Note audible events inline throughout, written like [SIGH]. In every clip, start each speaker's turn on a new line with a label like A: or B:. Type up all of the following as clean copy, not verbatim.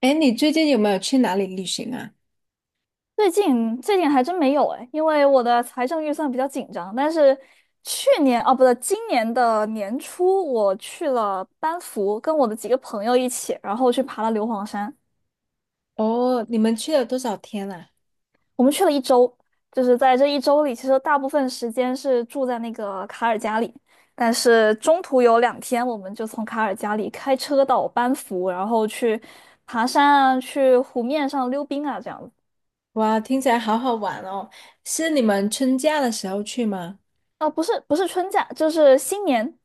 A: 哎，你最近有没有去哪里旅行啊？
B: 最近还真没有哎，因为我的财政预算比较紧张。但是去年啊，不对，今年的年初我去了班夫，跟我的几个朋友一起，然后去爬了硫磺山。
A: 哦，你们去了多少天啊？
B: 我们去了一周，就是在这一周里，其实大部分时间是住在那个卡尔加里，但是中途有2天，我们就从卡尔加里开车到班夫，然后去爬山啊，去湖面上溜冰啊，这样子。
A: 哇，听起来好好玩哦！是你们春假的时候去吗？
B: 啊，不是不是春假，就是新年，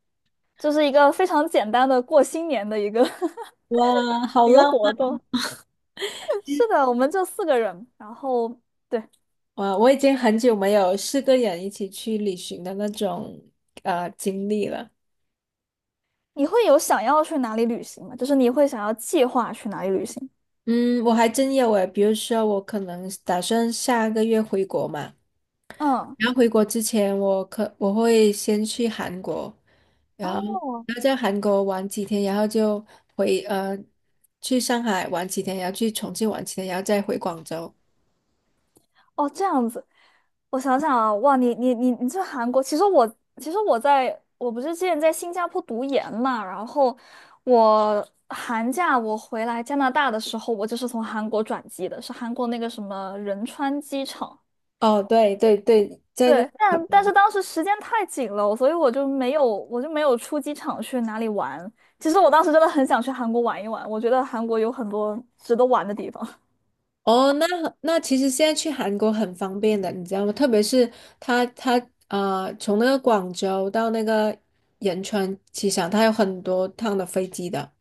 B: 就是一个非常简单的过新年的一个 [LAUGHS]
A: 哇，好
B: 一个
A: 浪
B: 活动。[LAUGHS] 是的，我们就四个人，然后对，
A: 漫！哇，我已经很久没有四个人一起去旅行的那种经历了。
B: 你会有想要去哪里旅行吗？就是你会想要计划去哪里旅行？
A: 嗯，我还真有诶，比如说我可能打算下个月回国嘛，
B: 嗯。
A: 然后回国之前，我会先去韩国，然后
B: 哦。
A: 然后在韩国玩几天，然后就回呃去上海玩几天，然后去重庆玩几天，然后再回广州。
B: 哦，这样子，我想想啊，哇，你去韩国，其实我在我不是之前在新加坡读研嘛，然后我寒假我回来加拿大的时候，我就是从韩国转机的，是韩国那个什么仁川机场。
A: 哦，对对对，在那个
B: 对，但是当时时间太紧了，所以我就没有出机场去哪里玩。其实我当时真的很想去韩国玩一玩，我觉得韩国有很多值得玩的地方。
A: 哦。那那其实现在去韩国很方便的，你知道吗？特别是他他啊，从那个广州到那个仁川机场，他有很多趟的飞机的。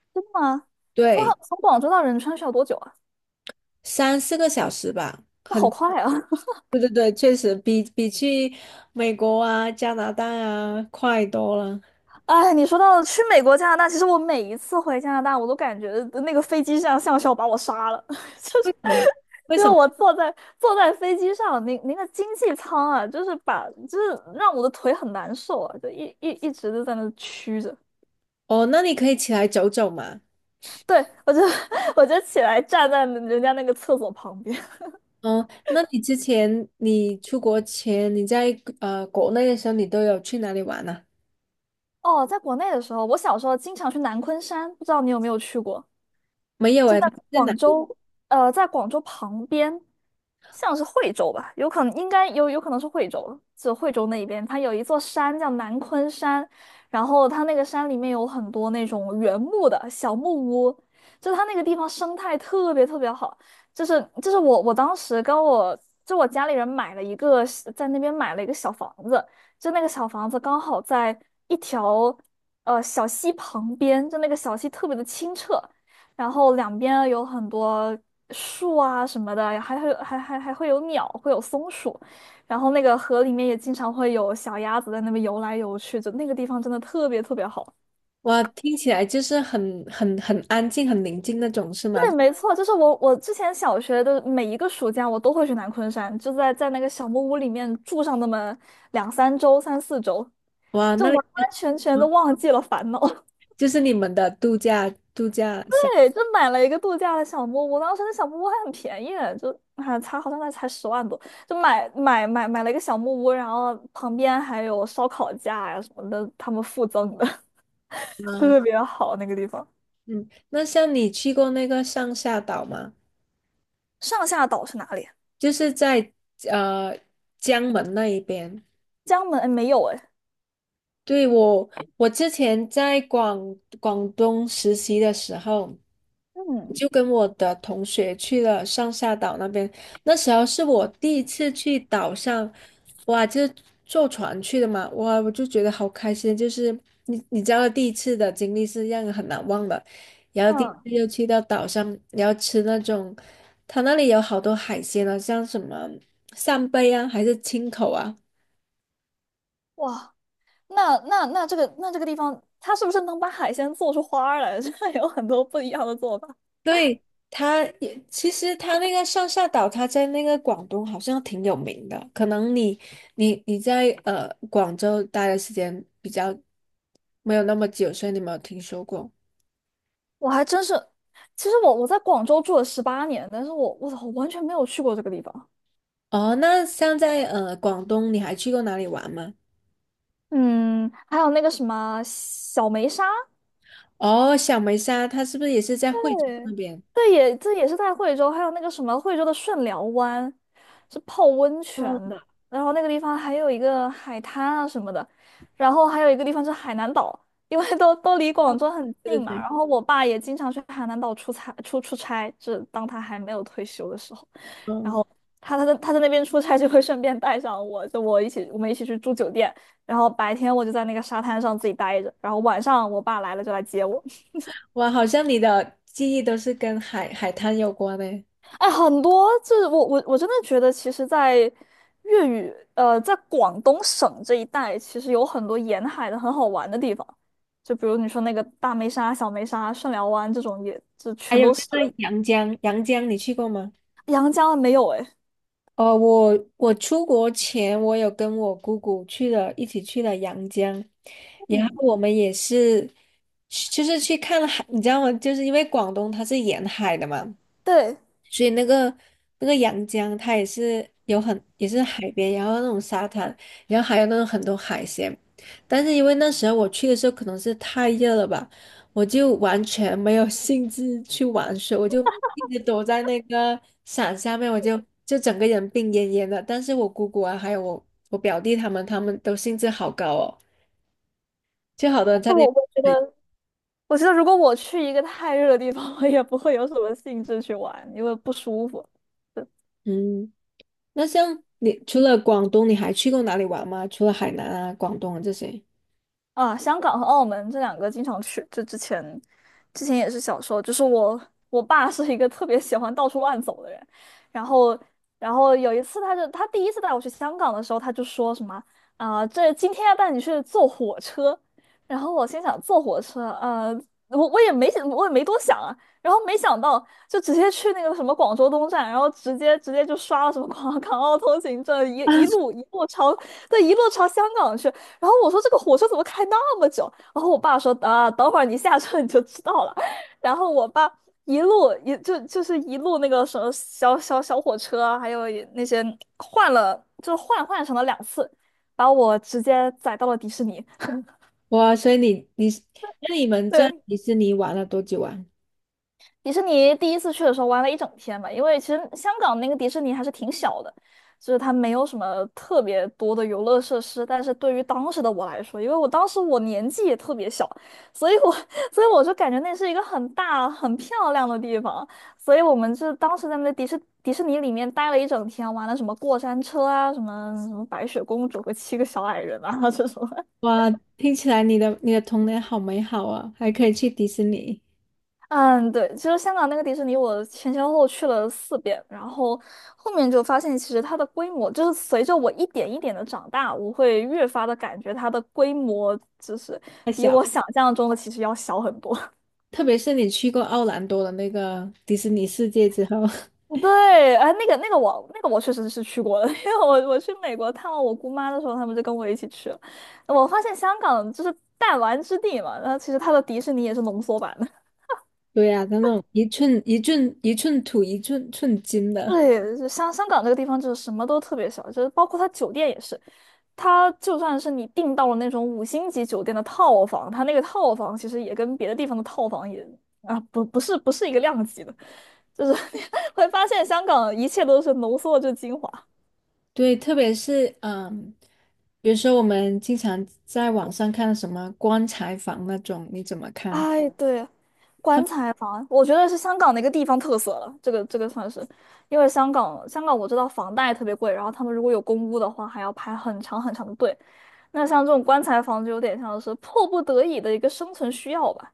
B: [LAUGHS] 啊，从
A: 对，
B: 从广州到仁川需要多久啊？
A: 三四个小时吧。
B: 那好
A: 很。
B: 快啊！
A: 对对对，确实比去美国啊、加拿大啊快多了。
B: 哎，你说到去美国、加拿大，其实我每一次回加拿大，我都感觉那个飞机上像是要把我杀了，[LAUGHS] 就
A: 为
B: 是
A: 什么？为
B: 因为
A: 什么？
B: 我坐在飞机上，那个经济舱啊，就是把就是让我的腿很难受啊，就一直就在那屈着。
A: 哦，那你可以起来走走嘛。
B: 对，我就 [LAUGHS] 我就起来站在人家那个厕所旁边。
A: 哦，那你之前你出国前你在国内的时候，你都有去哪里玩呢、
B: 哦，在国内的时候，我小时候经常去南昆山，不知道你有没有去过？
A: 没有
B: 就
A: 哎，
B: 在
A: 他在哪？
B: 广州，在广州旁边，像是惠州吧，有可能是惠州了，就惠州那一边，它有一座山叫南昆山，然后它那个山里面有很多那种原木的小木屋，就它那个地方生态特别特别好，就是我当时跟我家里人买了一个在那边买了一个小房子，就那个小房子刚好在一条，小溪旁边，就那个小溪特别的清澈，然后两边有很多树啊什么的，还会有鸟，会有松鼠，然后那个河里面也经常会有小鸭子在那边游来游去，就那个地方真的特别特别好。
A: 哇，听起来就是很很安静、很宁静那种，是吗？
B: 对，没错，就是我之前小学的每一个暑假，我都会去南昆山，就在那个小木屋里面住上那么两三周、三四周，
A: 哇，
B: 就
A: 那
B: 完
A: 里就
B: 完全全的
A: 嗯
B: 忘记了烦恼。[LAUGHS]
A: 就是你们的度假度假小
B: 对，就买了一个度假的小木屋，当时那小木屋还很便宜，就才好像那才10万多，就买了一个小木屋，然后旁边还有烧烤架呀、什么的，他们附赠的，[LAUGHS]
A: 啊。
B: 特别好那个地方。
A: 嗯，那像你去过那个上下岛吗？
B: 上下岛是哪里啊？
A: 就是在呃江门那一边。
B: 江门？哎，没有哎。
A: 对，我，我之前在广东实习的时候，
B: 嗯
A: 就跟我的同学去了上下岛那边。那时候是我第一次去岛上，哇，就是坐船去的嘛，哇，我就觉得好开心。就是你你知道，第一次的经历是让人很难忘的。然后第一
B: 嗯，
A: 次又去到岛上，然后吃那种，他那里有好多海鲜啊，像什么扇贝啊，还是青口啊。
B: 哇，那那那这个那这个地方，它是不是能把海鲜做出花儿来？[LAUGHS] 这有很多不一样的做法。
A: 对，其实他那个上下岛，他在那个广东好像挺有名的。可能你在广州待的时间比较没有那么久，所以你没有听说过。
B: 我还真是，其实我在广州住了18年，但是我操，我完全没有去过这个地方。
A: 哦，那像在广东，你还去过哪里玩吗？
B: 嗯，还有那个什么小梅沙。
A: 哦，小梅沙，它是不是也是在惠州
B: 对，
A: 那边？
B: 对也这也是在惠州，还有那个什么惠州的顺寮湾，是泡温泉
A: 嗯，
B: 的，然后那个地方还有一个海滩啊什么的，然后还有一个地方是海南岛，因为都离广州很
A: 对对
B: 近嘛，
A: 对。
B: 然后我爸也经常去海南岛出差，就是当他还没有退休的时候。然
A: 嗯，
B: 后他在那边出差就会顺便带上我，就我们一起去住酒店，然后白天我就在那个沙滩上自己待着，然后晚上我爸来了就来接我。
A: 哇，好像你的记忆都是跟海滩有关呢。
B: 哎，很多就是我真的觉得，其实，在粤语呃，在广东省这一带，其实有很多沿海的很好玩的地方，就比如你说那个大梅沙、小梅沙、顺寮湾这种也，这
A: 还
B: 全
A: 有
B: 都是。
A: 那个阳江，阳江你去过吗？
B: 阳江没有哎，
A: 哦，我我出国前，我有跟我姑姑去了，一起去了阳江，然
B: 嗯，
A: 后我们也是，就是去看海，你知道吗？就是因为广东它是沿海的嘛，
B: 对，
A: 所以那个那个阳江它也是有很也是海边，然后那种沙滩，然后还有那种很多海鲜。但是因为那时候我去的时候可能是太热了吧，我就完全没有兴致去玩水，我就一直躲在那个伞下面，我就就整个人病恹恹的。但是我姑姑啊，还有我表弟他们，他们都兴致好高哦，就好多人
B: 但
A: 在
B: 是
A: 那。
B: 我觉得。我觉得如果我去一个太热的地方，[LAUGHS] 我也不会有什么兴致去玩，因为不舒服。
A: 嗯，那像你除了广东，你还去过哪里玩吗？除了海南啊、广东啊这些？
B: 啊，香港和澳门这两个经常去，就之前，之前也是小时候，就是我爸是一个特别喜欢到处乱走的人，然后有一次他第一次带我去香港的时候，他就说什么啊、这今天要带你去坐火车，然后我心想坐火车，我也没多想啊，然后没想到就直接去那个什么广州东站，然后直接就刷了什么 [LAUGHS] 广港澳通行证，
A: 啊？
B: 一路朝香港去。然后我说这个火车怎么开那么久？然后我爸说啊，等会儿你下车你就知道了。然后我爸一路一就就是一路那个什么小火车啊，还有也那些换了，就是换乘了2次，把我直接载到了迪士尼。[LAUGHS]
A: 哇，所以你你那你们在
B: 对，
A: 迪士尼玩了多久啊？
B: 迪士尼第一次去的时候玩了一整天吧，因为其实香港那个迪士尼还是挺小的，就是它没有什么特别多的游乐设施。但是对于当时的我来说，因为我当时我年纪也特别小，所以我 [LAUGHS] 所以我就感觉那是一个很大很漂亮的地方，所以我们就当时在那个迪士尼里面待了一整天，玩了什么过山车啊，什么白雪公主和七个小矮人啊这种。
A: 哇，听起来你的童年好美好啊，还可以去迪士尼。
B: 嗯，对，其实香港那个迪士尼，我前前后后去了4遍，然后后面就发现，其实它的规模就是随着我一点一点的长大，我会越发的感觉它的规模就是
A: 太
B: 比
A: 小了。
B: 我想象中的其实要小很多。
A: 特别是你去过奥兰多的那个迪士尼世界之后，[LAUGHS]
B: [LAUGHS] 对，哎，那个那个我那个我确实是去过的，[LAUGHS] 因为我去美国探望我姑妈的时候，他们就跟我一起去了。我发现香港就是弹丸之地嘛，然后其实它的迪士尼也是浓缩版的。
A: 对呀、那种一寸一寸一寸土一寸金的。
B: 对，就香港这个地方就是什么都特别小，就是包括它酒店也是，它就算是你订到了那种五星级酒店的套房，它那个套房其实也跟别的地方的套房也啊不不是不是一个量级的，就是 [LAUGHS] 你会发现香港一切都是浓缩着精华。
A: 对，特别是嗯，比如说我们经常在网上看什么棺材房那种，你怎么看？
B: 哎，对，棺材房，我觉得是香港的一个地方特色了，这个算是，因为香港我知道房贷特别贵，然后他们如果有公屋的话，还要排很长很长的队。那像这种棺材房就有点像是迫不得已的一个生存需要吧，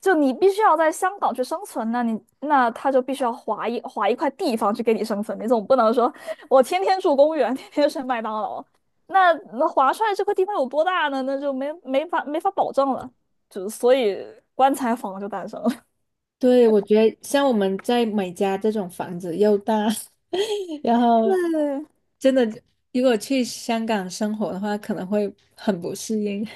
B: 就你必须要在香港去生存，那他就必须要划一块地方去给你生存，你总不能说我天天住公园，天天吃麦当劳，那划出来这块地方有多大呢？那就没法保证了，就所以棺材房就诞生了。
A: 对，我觉得像我们在美加这种房子又大，[LAUGHS] 然
B: [LAUGHS]
A: 后
B: 对
A: 真的如果去香港生活的话，可能会很不适应。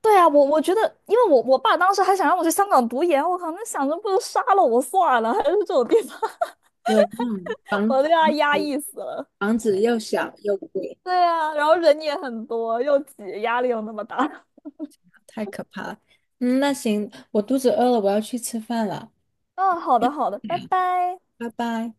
B: 对啊，我觉得，因为我爸当时还想让我去香港读研，我靠，那想着不如杀了我算了，还是这种地方，[LAUGHS]
A: [LAUGHS] 对，嗯，房
B: 我都让他压抑死了。
A: 房子又小又贵。
B: 对啊，然后人也很多，又挤，压力又那么大。[LAUGHS]
A: 太可怕了。嗯，那行，我肚子饿了，我要去吃饭了，
B: 嗯，好的好的，拜拜。
A: 拜拜。